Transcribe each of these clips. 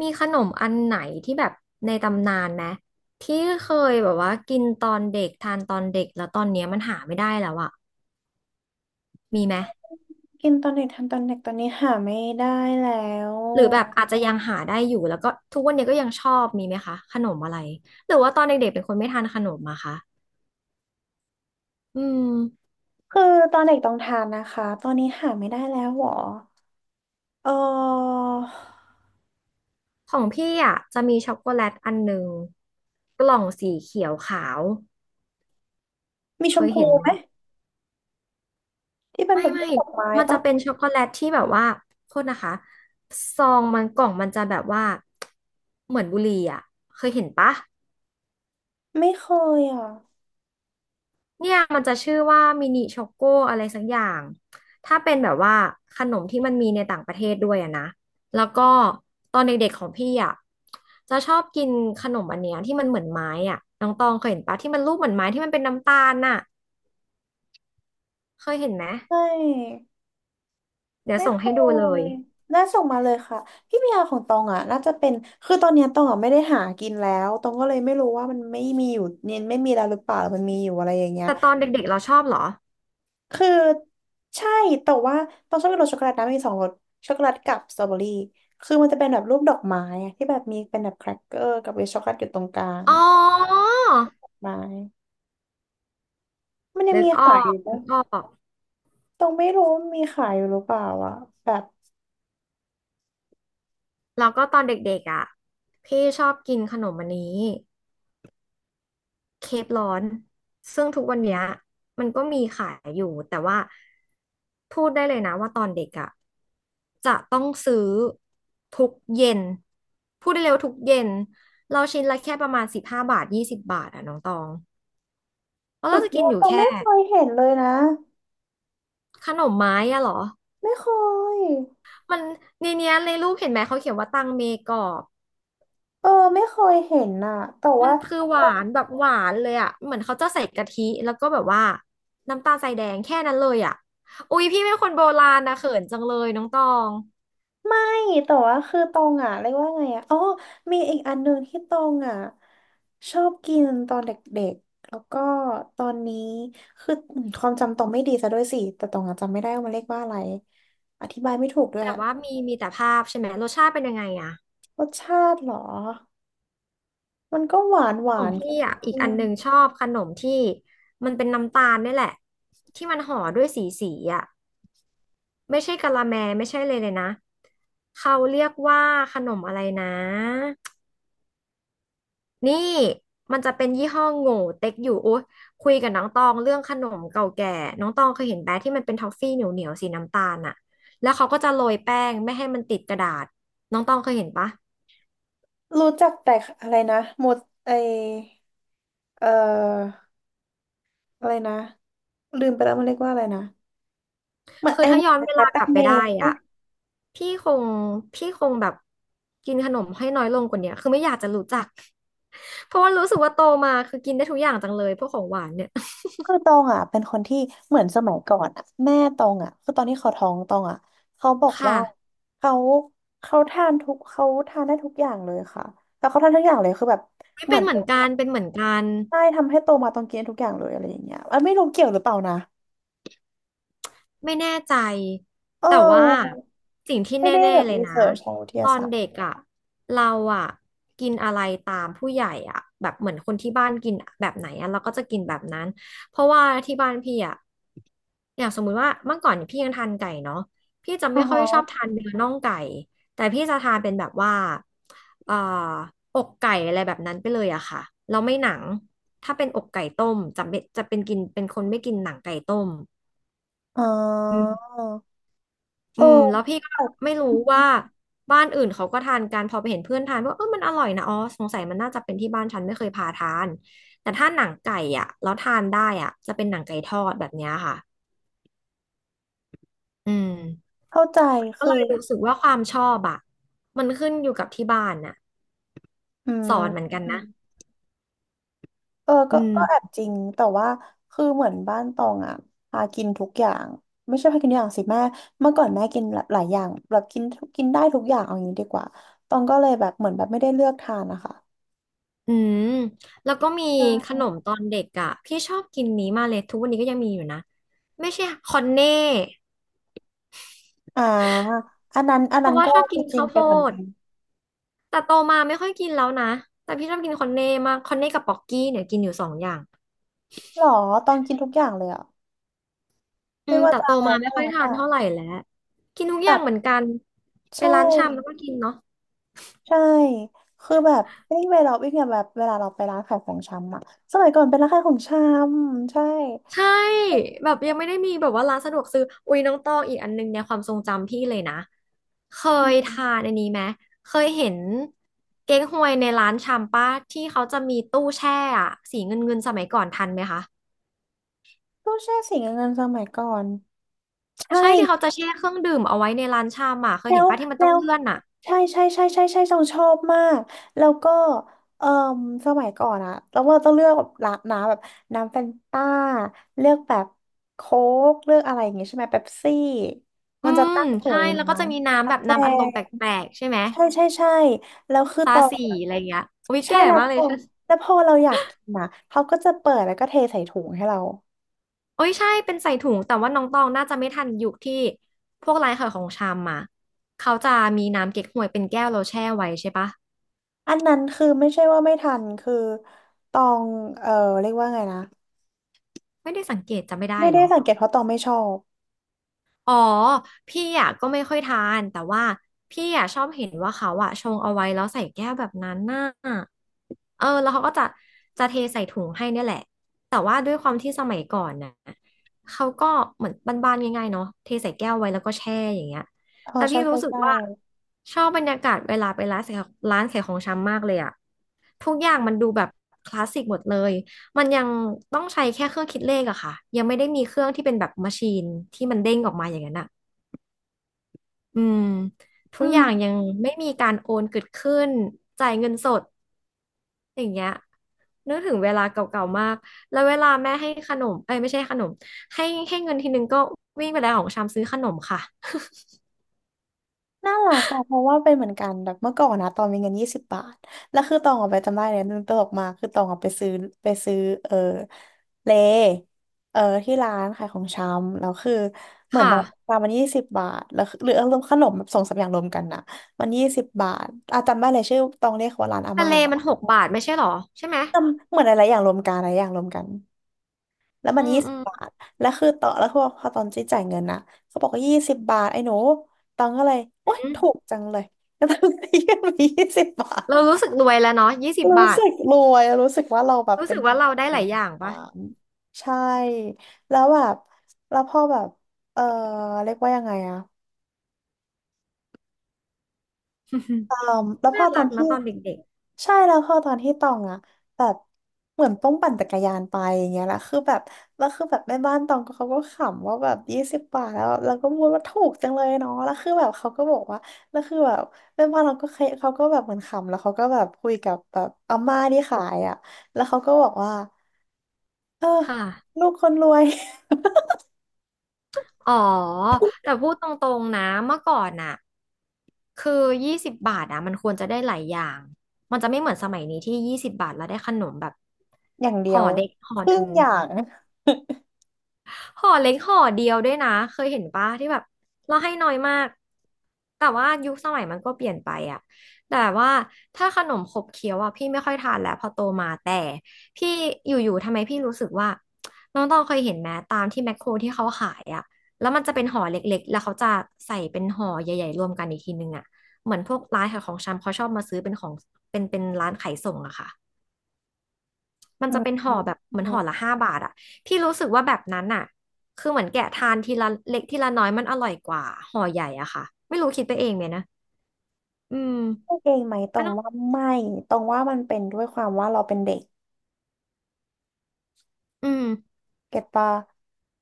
มีขนมอันไหนที่แบบในตำนานไหมที่เคยแบบว่ากินตอนเด็กทานตอนเด็กแล้วตอนเนี้ยมันหาไม่ได้แล้วอะมีไหมกินตอนเด็กทานตอนเด็กตอนนี้หาไม่ได้แล้วหรือแบบอาจจะยังหาได้อยู่แล้วก็ทุกวันเนี้ยก็ยังชอบมีไหมคะขนมอะไรหรือว่าตอนเด็กๆเป็นคนไม่ทานขนมอะคะอืมคือตอนเด็กต้องทานนะคะตอนนี้หาไม่ได้แล้วหรอเออของพี่อะจะมีช็อกโกแลตอันหนึ่งกล่องสีเขียวขาวมีชเคมยพูเห็นไหมนะ ที่เป็นไม่แบบรูไม่ปดอกไม้มันจะปะเป็นช็อกโกแลตที่แบบว่าโทษนะคะซองมันกล่องมันจะแบบว่าเหมือนบุหรี่อ่ะเคยเห็นปะไม่เคยอ่ะเนี่ยมันจะชื่อว่ามินิช็อกโกอะไรสักอย่างถ้าเป็นแบบว่าขนมที่มันมีในต่างประเทศด้วยอะนะแล้วก็ตอนเด็กๆของพี่อ่ะจะชอบกินขนมอันเนี้ยที่มันเหมือนไม้อ่ะน้องตองเคยเห็นปะที่มันรูปเหมือนไม้ที่มันเป็นน้ำตาลน่ะเคยเห็นไหมไม่เดี๋ยวไม่ส่งเคให้ดูเลยยน่าส่งมาเลยค่ะพี่พิยาของตองอ่ะน่าจะเป็นคือตอนเนี้ยตองอ่ะไม่ได้หากินแล้วตองก็เลยไม่รู้ว่ามันไม่มีอยู่เนี่ยไม่มีแล้วหรือเปล่ามันมีอยู่อะไรอย่างเงี้ย แต่ตอนเด็กๆเราชอบเหรอคือใช่แต่ว่าต้องชอบกินรสช็อกโกแลตนะมีสองรสช็อกโกแลตกับสตรอเบอรี่คือมันจะเป็นแบบรูปดอกไม้อะที่แบบมีเป็นแบบแครกเกอร์กับมีช็อกโกแลตอยู่ตรงกลางอ๋อะอ ไม้มันยังนึกมีออขายอกยู่นึปะกออกต้องไม่รู้มีขายอยู่หรือเปล่าอะแบบแล้วก็ตอนเด็กๆอ่ะพี่ชอบกินขนมอันนี้เคกร้อนซึ่งทุกวันเนี้ยมันก็มีขายอยู่แต่ว่าพูดได้เลยนะว่าตอนเด็กอ่ะจะต้องซื้อทุกเย็นพูดได้เร็วาทุกเย็นเราชิ้นละแค่ประมาณ15 บาท20 บาทอ่ะน้องตองแล้วสุเราดจะยกินอดอยู่ต้องแค่ไม่เคยเห็นเลยนะขนมไม้อะเหรอไม่เคยมันในเนี้ยในรูปเห็นไหมเขาเขียนว่าตังเมกอบ เออไม่เคยเห็นอะแต่มัว่า นคือหวานแบบหวานเลยอ่ะเหมือนเขาจะใส่กะทิแล้วก็แบบว่าน้ำตาลทรายแดงแค่นั้นเลยอ่ะอุ๊ยพี่เป็นคนโบราณนะเขินจังเลยน้องตอง นี่แต่ว่าคือตองอ่ะเรียกว่าไงอ่ะอ๋อมีอีกอันหนึ่งที่ตองอ่ะชอบกินตอนเด็กๆแล้วก็ตอนนี้คือความจำตองไม่ดีซะด้วยสิแต่ตองอ่ะจำไม่ได้ว่ามันเรียกว่าอะไรอธิบายไม่ถูกด้วยแต่ว่ามีแต่ภาพใช่ไหมรสชาติเป็นยังไงอ่ะรสชาติเหรอมันก็หวานหวาของนเคพี่อ่ะอี็กอันมหนึ่งชอบขนมที่มันเป็นน้ำตาลนี่แหละที่มันห่อด้วยสีสีอ่ะไม่ใช่กะละแมไม่ใช่เลยนะเขาเรียกว่าขนมอะไรนะ นี่มันจะเป็นยี่ห้อโง่เต็กอยู่อุ๊ยคุยกับน้องตองเรื่องขนมเก่าแก่น้องตองเคยเห็นแบะที่มันเป็นทอฟฟี่เหนียวเหนียวสีน้ำตาลอะแล้วเขาก็จะโรยแป้งไม่ให้มันติดกระดาษน้องตองเคยเห็นปะๆรู้จักแต่อะไรนะหมดไอเอ่ออะไรนะลืมไปแล้วมันเรียกว่าอะไรนะเหมือนคือไอหถ้าย้อวานนเวคลาลากตัลังบไปเมได้ย์ อ่ะพี่คงพี่คงแบบกินขนมให้น้อยลงกว่าเนี้ยคือไม่อยากจะรู้จัก เพราะว่ารู้สึกว่าโตมาคือกินได้ทุกอย่างจังเลยพวกของหวานเนี่ย คือตองอ่ะเป็นคนที่เหมือนสมัยก่อนอ่ะแม่ตองอ่ะคือตอนที่เขาท้องตองอ่ะเขาบอก ว่าค่ะเขาเขาทานทุกเขาทานได้ทุกอย่างเลยค่ะแต่เขาทานทุกอย่างเลยคือแบบไม่เหเป็มือนนเหมือนกันเป็นเหมือนกัน ได้ทำให้โตมาตองกินทุกอย่างเลยอะไรอย่างเงี้ยอันไม่รู้เกี่ยวหรือเปล่านะไม่แน่ใจเอแต่ว่าอสิ่งที่แไม่ได้น่แบบๆเลยรีนะเสิร์ชทางวิทตยาอนศาสตร์เด็กอ่ะเราอ่ะกินอะไรตามผู้ใหญ่อ่ะแบบเหมือนคนที่บ้านกินแบบไหนอ่ะเราก็จะกินแบบนั้นเพราะว่าที่บ้านพี่อ่ะอย่างสมมุติว่าเมื่อก่อนเนี่ยพี่ยังทานไก่เนาะพี่จะอ๋อไม่ค่อยชอบฮะทานเนื้อน่องไก่แต่พี่จะทานเป็นแบบว่าเอ่อกไก่อะไรแบบนั้นไปเลยอะค่ะเราไม่หนังถ้าเป็นอกไก่ต้มจะเป็นกินเป็นคนไม่กินหนังไก่ต้ม อ๋ออืเอมอแล้วพี่ก็ไม่รู้ว่าบ้านอื่นเขาก็ทานกันพอไปเห็นเพื่อนทานว่าเออมันอร่อยนะอ๋อสงสัยมันน่าจะเป็นที่บ้านฉันไม่เคยพาทานแต่ถ้าหนังไก่อ่ะแล้วทานได้อ่ะจะเป็นหนังไก่ทอดแบบเนี้ยค่ะอืมเข้าใจก็คือเลยรู้สึกว่าความชอบอ่ะมันขึ้นอยู่กับที่บ้านน่ะอืสอนเหมือนกันนะม เอออืก็ก็แอบมจริงแต่ว่าคือเหมือนบ้านตองอ่ะพากินทุกอย่างไม่ใช่พากินทุกอย่างสิแม่เมื่อก่อนแม่กินหลาหลายอย่างแบบกินกินได้ทุกอย่างเอาอย่างนี้ดีกว่าตองก็เลยแบบเหมือนแบบไม่ได้เลือกทานนะคะอืมแล้วก็มีขใช่นมตอนเด็กอ่ะพี่ชอบกินนี้มากเลยทุกวันนี้ก็ยังมีอยู่นะไม่ใช่คอนเน่อ่าอันนั้นอันเพนั้ราะนว่าก็ชอบจกินริงข้าวๆโพเป็นเหมือนด กันแต่โตมาไม่ค่อยกินแล้วนะแต่พี่ชอบกินคอนเน่มากคอนเน่กับป๊อกกี้เนี่ยกินอยู่สองอย่างหรอตองกินทุกอย่างเลยอ่ะอืไม่มว่าแต่จะโตอะไรมาก็ไม่แล้ค่อยวทาแต่นเท่าไหร่แล้วกินทุกอย่างแบบเหมือนกันไปใช่ร้านชำแล้วก็กินเนาะใช่คือแบบวิ่งเวลาวิ่งเนี่ยแบบเวลาเราไปร้านขายของชำอ่ะสมัยก่อนเป็นร้านขายของชำใช่ ใช่แบบยังไม่ได้มีแบบว่าร้านสะดวกซื้ออุ้ยน้องตองอีกอันนึงในความทรงจำพี่เลยนะเคยทานอันนี้ไหมเคยเห็นเก๊กฮวยในร้านชำป้าที่เขาจะมีตู้แช่อะเงินเงินสมัยก่อนทันไหมคะตู้แช่สีเงินสมัยก่อนใช่ใช่ที่เขาจะแช่เครื่องดื่มเอาไว้ในร้านชำอ่ะเคยแล้เห็นวป้าที่มันแล้ต้องวเลื่อนอ่ะ ใช่ใช่ใช่ใช่ใช่ต้องชอบมากแล้วก็เอ่อสมัยก่อนอะแล้วเราต้องเลือกแบบร้านน้ำแบบน้ำแฟนต้าเลือกแบบโค้กเลือกอะไรอย่างงี้ใช่ไหมเป๊ปซี่อืมันจะมตั้งอยู่ใช่ในแล้วก็น้จะมีำน้ำกาแบบแฟน้ำอัดลมแปลกๆใช่ไหมใช่ใช่ใช่แล้วคือตตาอนสีอะอะไรอย่างเงี้ยโอ้ยใช่แก่แล้วมากพเลยอใช่แล้วพอเราอยากกินอะเขาก็จะเปิดแล้วก็เทใส่ถุงให้เรา โอ้ยใช่เป็นใส่ถุงแต่ว่าน้องตองน่าจะไม่ทันยุคที่พวกร้านขายของชำมาเขาจะมีน้ำเก๊กฮวยเป็นแก้วเราแช่ไว้ใช่ปะอันนั้นคือไม่ใช่ว่าไม่ทันคือตองเออเรียกว่าไงนะไม่ได้สังเกตจำไม่ได้ไม่เหรได้อ สังเกตเพราะตองไม่ชอบอ๋อพี่อ่ะก็ไม่ค่อยทานแต่ว่าพี่อ่ะชอบเห็นว่าเขาอ่ะชงเอาไว้แล้วใส่แก้วแบบนั้นน่ะเออแล้วเขาก็จะเทใส่ถุงให้เนี่ยแหละแต่ว่าด้วยความที่สมัยก่อนน่ะเขาก็เหมือนบ้านๆง่ายๆเนาะเทใส่แก้วไว้แล้วก็แช่อย่างเงี้ยเออแต่ใช่พี่ใช่รู้สึกใช่ว่าชอบบรรยากาศเวลาไปร้านขายของชำมากเลยอ่ะทุกอย่างมันดูแบบคลาสสิกหมดเลย มันยังต้องใช้แค่เครื่องคิดเลขอะค่ะยังไม่ได้มีเครื่องที่เป็นแบบมาชีนที่มันเด้งออกมาอย่างนั้นอะอืมทุอืกอมย่างยังไม่มีการโอนเกิดขึ้นจ่ายเงินสดอย่างเงี้ยนึกถึงเวลาเก่าๆมากแล้วเวลาแม่ให้ขนมเอ้ยไม่ใช่ขนมให้ให้เงินทีนึงก็วิ่งไปแล้วของชามซื้อขนมค่ะน่ารักอะเพราะว่าเป็นเหมือนกันแบบเมื่อก่อนนะตองมีเงินยี่สิบบาทแล้วคือตองออกไปจำได้เลยมันตลกมากคือตองออกไปไปซื้อเออเลเออที่ร้านขายของชำแล้วคือเหมือนแบบค่ะตามมันยี่สิบบาทแล้วคือหรืออารมณ์ขนมแบบสองสามอย่างรวมกันนะมันยี่สิบบาทอ่จำได้เลยชื่อตองเรียกว่าร้านอาทะม่าเลมัน6 บาทไม่ใช่หรอใช่ไหมจำเหมือนอะไรอย่างรวมกันอะไรอย่างรวมกัน แล้วมัอืนมยี่สิอืบมบาท แล้วคือต่อแล้วคือพอตอนจี้จ่ายเงินนะเขาบอกว่ายี่สิบบาทไอ้หนูตองก็เลย โอ๊ยอืมถูกจังเลยแล้วตองก็ยื่นไปยี่สิบบาท เรารู้สึกรวยแล้วเนาะยี่สิบรู้บาทสึกรวยรู้สึกว่าเราแบบรู้เป็สึนกว่าเราได้หลายอย่างอ่าปะ ใช่ แล้วแบบแล้วพอแบบ เออเรียกว่ายังไงอะ อืมแล้ว พน่าอตอรันกนะที่ตอนเด็กใช่แล้วพอตอนที่ตองอะแบบเหมือนต้องปั่นจักรยานไปอย่างเงี้ยแหละคือแบบแล้วคือแบบแม่บ้านตองก็เขาก็ขำว่าแบบยี่สิบบาทแล้วแล้วก็พูดว่าถูกจังเลยเนาะแล้วคือแบบเขาก็บอกว่าแล้วคือแบบแม่บ้านเราก็เคยเขาก็แบบเหมือนขำแล้วเขาก็แบบคุยกับแบบอาม่าที่ขายอะแล้วเขาก็บอกว่าเออๆค่ะ ลูกคนรวย อ๋อแต่พูดตรงๆนะเมื่อก่อนน่ะคือยี่สิบบาทอ่ะมันควรจะได้หลายอย่างมันจะไม่เหมือนสมัยนี้ที่ยี่สิบบาทแล้วได้ขนมแบบอย่างเดียห่อวเด็กห่อคหรึ่นึ่งง อย่าง ห่อเล็กห่อเดียวด้วยนะเคยเห็นปะที่แบบเราให้น้อยมากแต่ว่ายุคสมัยมันก็เปลี่ยนไปอะแต่ว่าถ้าขนมขบเคี้ยวอะพี่ไม่ค่อยทานแล้วพอโตมาแต่พี่อยู่ๆทำไมพี่รู้สึกว่าน้องตองเคยเห็นไหมตามที่แมคโครที่เขาขายอะแล้วมันจะเป็นห่อเล็กๆแล้วเขาจะใส่เป็นห่อใหญ่ๆรวมกันอีกทีนึงอะเหมือนพวกร้านขายของชำเขาชอบมาซื้อเป็นของเป็นร้านขายส่งอะค่ะ มันอืจะเป็นห่อแบบเหมือนห่อละม 5 บาทอะที่รู้สึกว่าแบบนั้นอะคือเหมือนแกะทานทีละเล็กทีละน้อยมันอร่อยกว่าห่อใหญ่อะค่ะไม่รู้คิดไปเองไหมนะอืมพูดเองไหมตรมันงต้องว่าไม่ตรงว่ามันเป็นด้วยความว่าเราเป็นเด็กอืมเก็ตปะ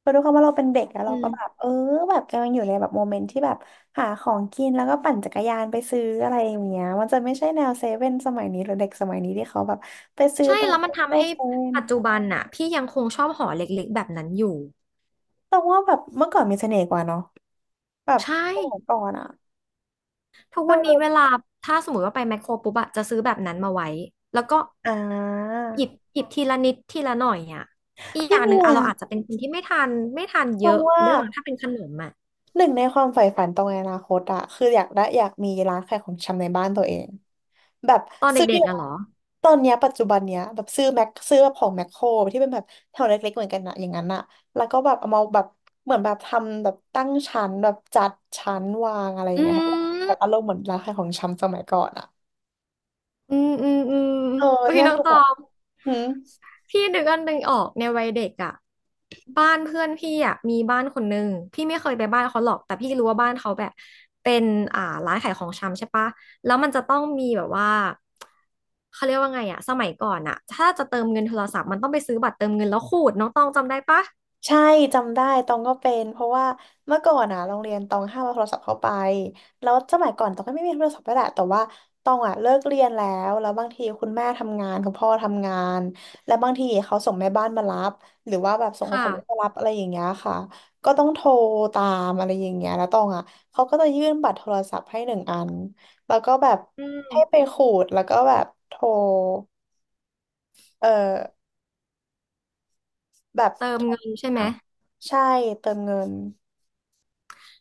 คือด้วยความว่าเราเป็นเด็กแล้วอืเราก็แบบมแบบกำลังอยู่ในแบบโมเมนต์ที่แบบหาของกินแล้วก็ปั่นจักรยานไปซื้ออะไรอย่างเงี้ยมันจะไม่ใช่แนวเซเว่นสมัยนี้หรือเด็กสมัยนี้ที่เขาแบบไปซื้อใช่ตามแล้วมัซุนปเปอทำร์ให้เซเว่นปัจจุบันน่ะพี่ยังคงชอบห่อเล็กๆแบบนั้นอยู่ตรงว่าแบบเมื่อก่อนมีเสน่ห์กว่าเนาะแบบใช่สมัยก่อนอะทุกวันนี้คือเวลาถ้าสมมติว่าไปแมคโครปุ๊บอะจะซื้อแบบนั้นมาไว้แล้วก็อ่าหยิบทีละนิดทีละหน่อยอะอีกอพี่ย่างหเมีนึ่งยอะเราอาจจะเป็นคนที่ไม่ทานตเยรงอะว่า ด้วยมั้งถ้าเป็นขนมอะหนึ่งในความใฝ่ฝันตรงในอนาคตอะคืออยากได้อยากมีร้านขายของชำในบ้านตัวเองแบบตอนซื้อเด็กๆอะเหรอ ตอนเนี้ยปัจจุบันเนี้ยแบบซื้อแม็กซื้อแบบของแมคโครที่เป็นแบบแถวเล็กๆเหมือนกันอะอย่างนั้นอะแล้วก็แบบเอามาแบบเหมือนแบบทำแบบตั้งชั้นแบบจัดชั้นวางอะไรอย่าอืงเงี้ยให้แบบอารมมณ์เหมือนร้านขายของชำสมัยก่อนอะอืมอืมอืมเอออุ้ยเนี่ยน้องคือตแบอบงหืม พี่นึกอันหนึ่งออกในวัยเด็กอ่ะบ้านเพื่อนพี่อ่ะมีบ้านคนนึงพี่ไม่เคยไปบ้านเขาหรอกแต่พี่รู้ว่าบ้านเขาแบบเป็นร้านขายของชำใช่ปะแล้วมันจะต้องมีแบบว่าเขาเรียกว่าไงอ่ะสมัยก่อนอ่ะถ้าจะเติมเงินโทรศัพท์มันต้องไปซื้อบัตรเติมเงินแล้วขูดน้องตองจำได้ปะใช่จำได้ตองก็เป็นเพราะว่าเมื่อก่อนอะโรงเรียนตองห้ามเอาโทรศัพท์เข้าไปแล้วสมัยก่อนตองก็ไม่มีโทรศัพท์ก็แหละแต่ว่าตองอะเลิกเรียนแล้วแล้วบางทีคุณแม่ทำงานคุณพ่อทำงานแล้วบางทีเขาส่งแม่บ้านมารับหรือว่าแบบส่งคนค่ะขับรถมารับอะไรอย่างเงี้ยค่ะก็ต้องโทรตามอะไรอย่างเงี้ยแล้วตองอะเขาก็จะยื่นบัตรโทรศัพท์ให้หนึ่งอันแล้วก็แบบอืมให้ไปขูดแล้วก็แบบโทรเออแบบเติโทมรเงินใช่ไหม หาใช่เติมเงิน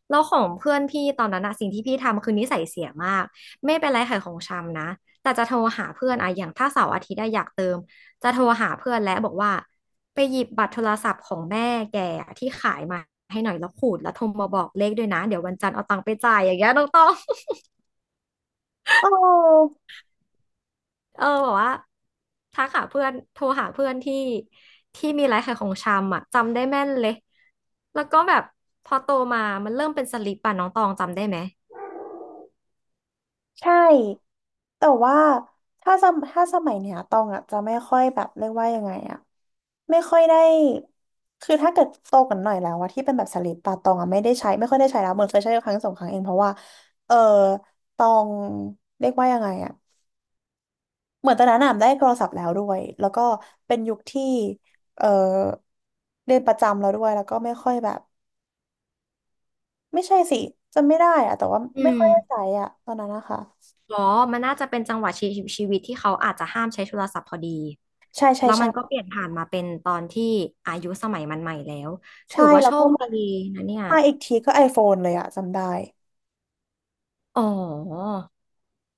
แล้วของเพื่อนพี่ตอนนั้นอะสิ่งที่พี่ทำคือนิสัยเสียมากไม่เป็นไรขายของชำนะแต่จะโทรหาเพื่อนอะอย่างถ้าเสาร์อาทิตย์อะอยากเติมจะโทรหาเพื่อนและบอกว่าไปหยิบบัตรโทรศัพท์ของแม่แกอะที่ขายมาให้หน่อยแล้วขูดแล้วโทรมาบอกเลขด้วยนะเดี๋ยววันจันทร์เอาตังค์ไปจ่ายอย่างเงี้ยน้องต้อง เออ เออบอกว่าทักหาเพื่อนโทรหาเพื่อนที่มีร้านขายของชำอะจำได้แม่นเลยแล้วก็แบบพอโตมามันเริ่มเป็นสลิปป่ะน้องตองจำได้ไหมใช่แต่ว่าถ้าสมัยเนี้ยตองอ่ะจะไม่ค่อยแบบเรียกว่ายังไงอ่ะไม่ค่อยได้คือถ้าเกิดโตกว่าหน่อยแล้วอะที่เป็นแบบสลิปปะตองอ่ะไม่ได้ใช้ไม่ค่อยได้ใช้แล้วเหมือนเคยใช้ครั้งสองครั้งเองเพราะว่าเออตองเรียกว่ายังไงอ่ะเหมือนตอนนั้นอะได้โทรศัพท์แล้วด้วยแล้วก็เป็นยุคที่เออเรียนประจำแล้วด้วยแล้วก็ไม่ค่อยแบบไม่ใช่สิจำไม่ได้อะแต่ว่าอืไม่ม ค่อยได้ใช้อะตอนนั้นนะคะอ๋อ มันน่าจะเป็นจังหวะชีวิตที่เขาอาจจะห้ามใช้โทรศัพท์พอดีใช่ใช่แล้วมัใช่ นก็เปลี่ยนผ่านมาเป็นตอนที่อายุสมัยมันใหม่แล้วถืใช่อว่าแล้วโชก็คมาดีนะเนี่ยมาอีกทีก็ iPhone เลยอะจำได้อ๋อ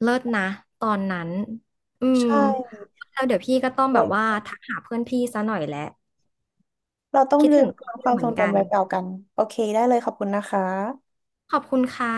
เลิศนะตอนนั้นอืมใช่แล้วเดี๋ยวพี่ก็ต้องแบเว้บยว่าทักหาเพื่อนพี่ซะหน่อยแหละเราต้องคิดลืถึมงเขาอคยู่วามเหมืทรอนงกัจำนไว้เปล่ากันโอเคได้เลยขอบคุณนะคะขอบคุณค่ะ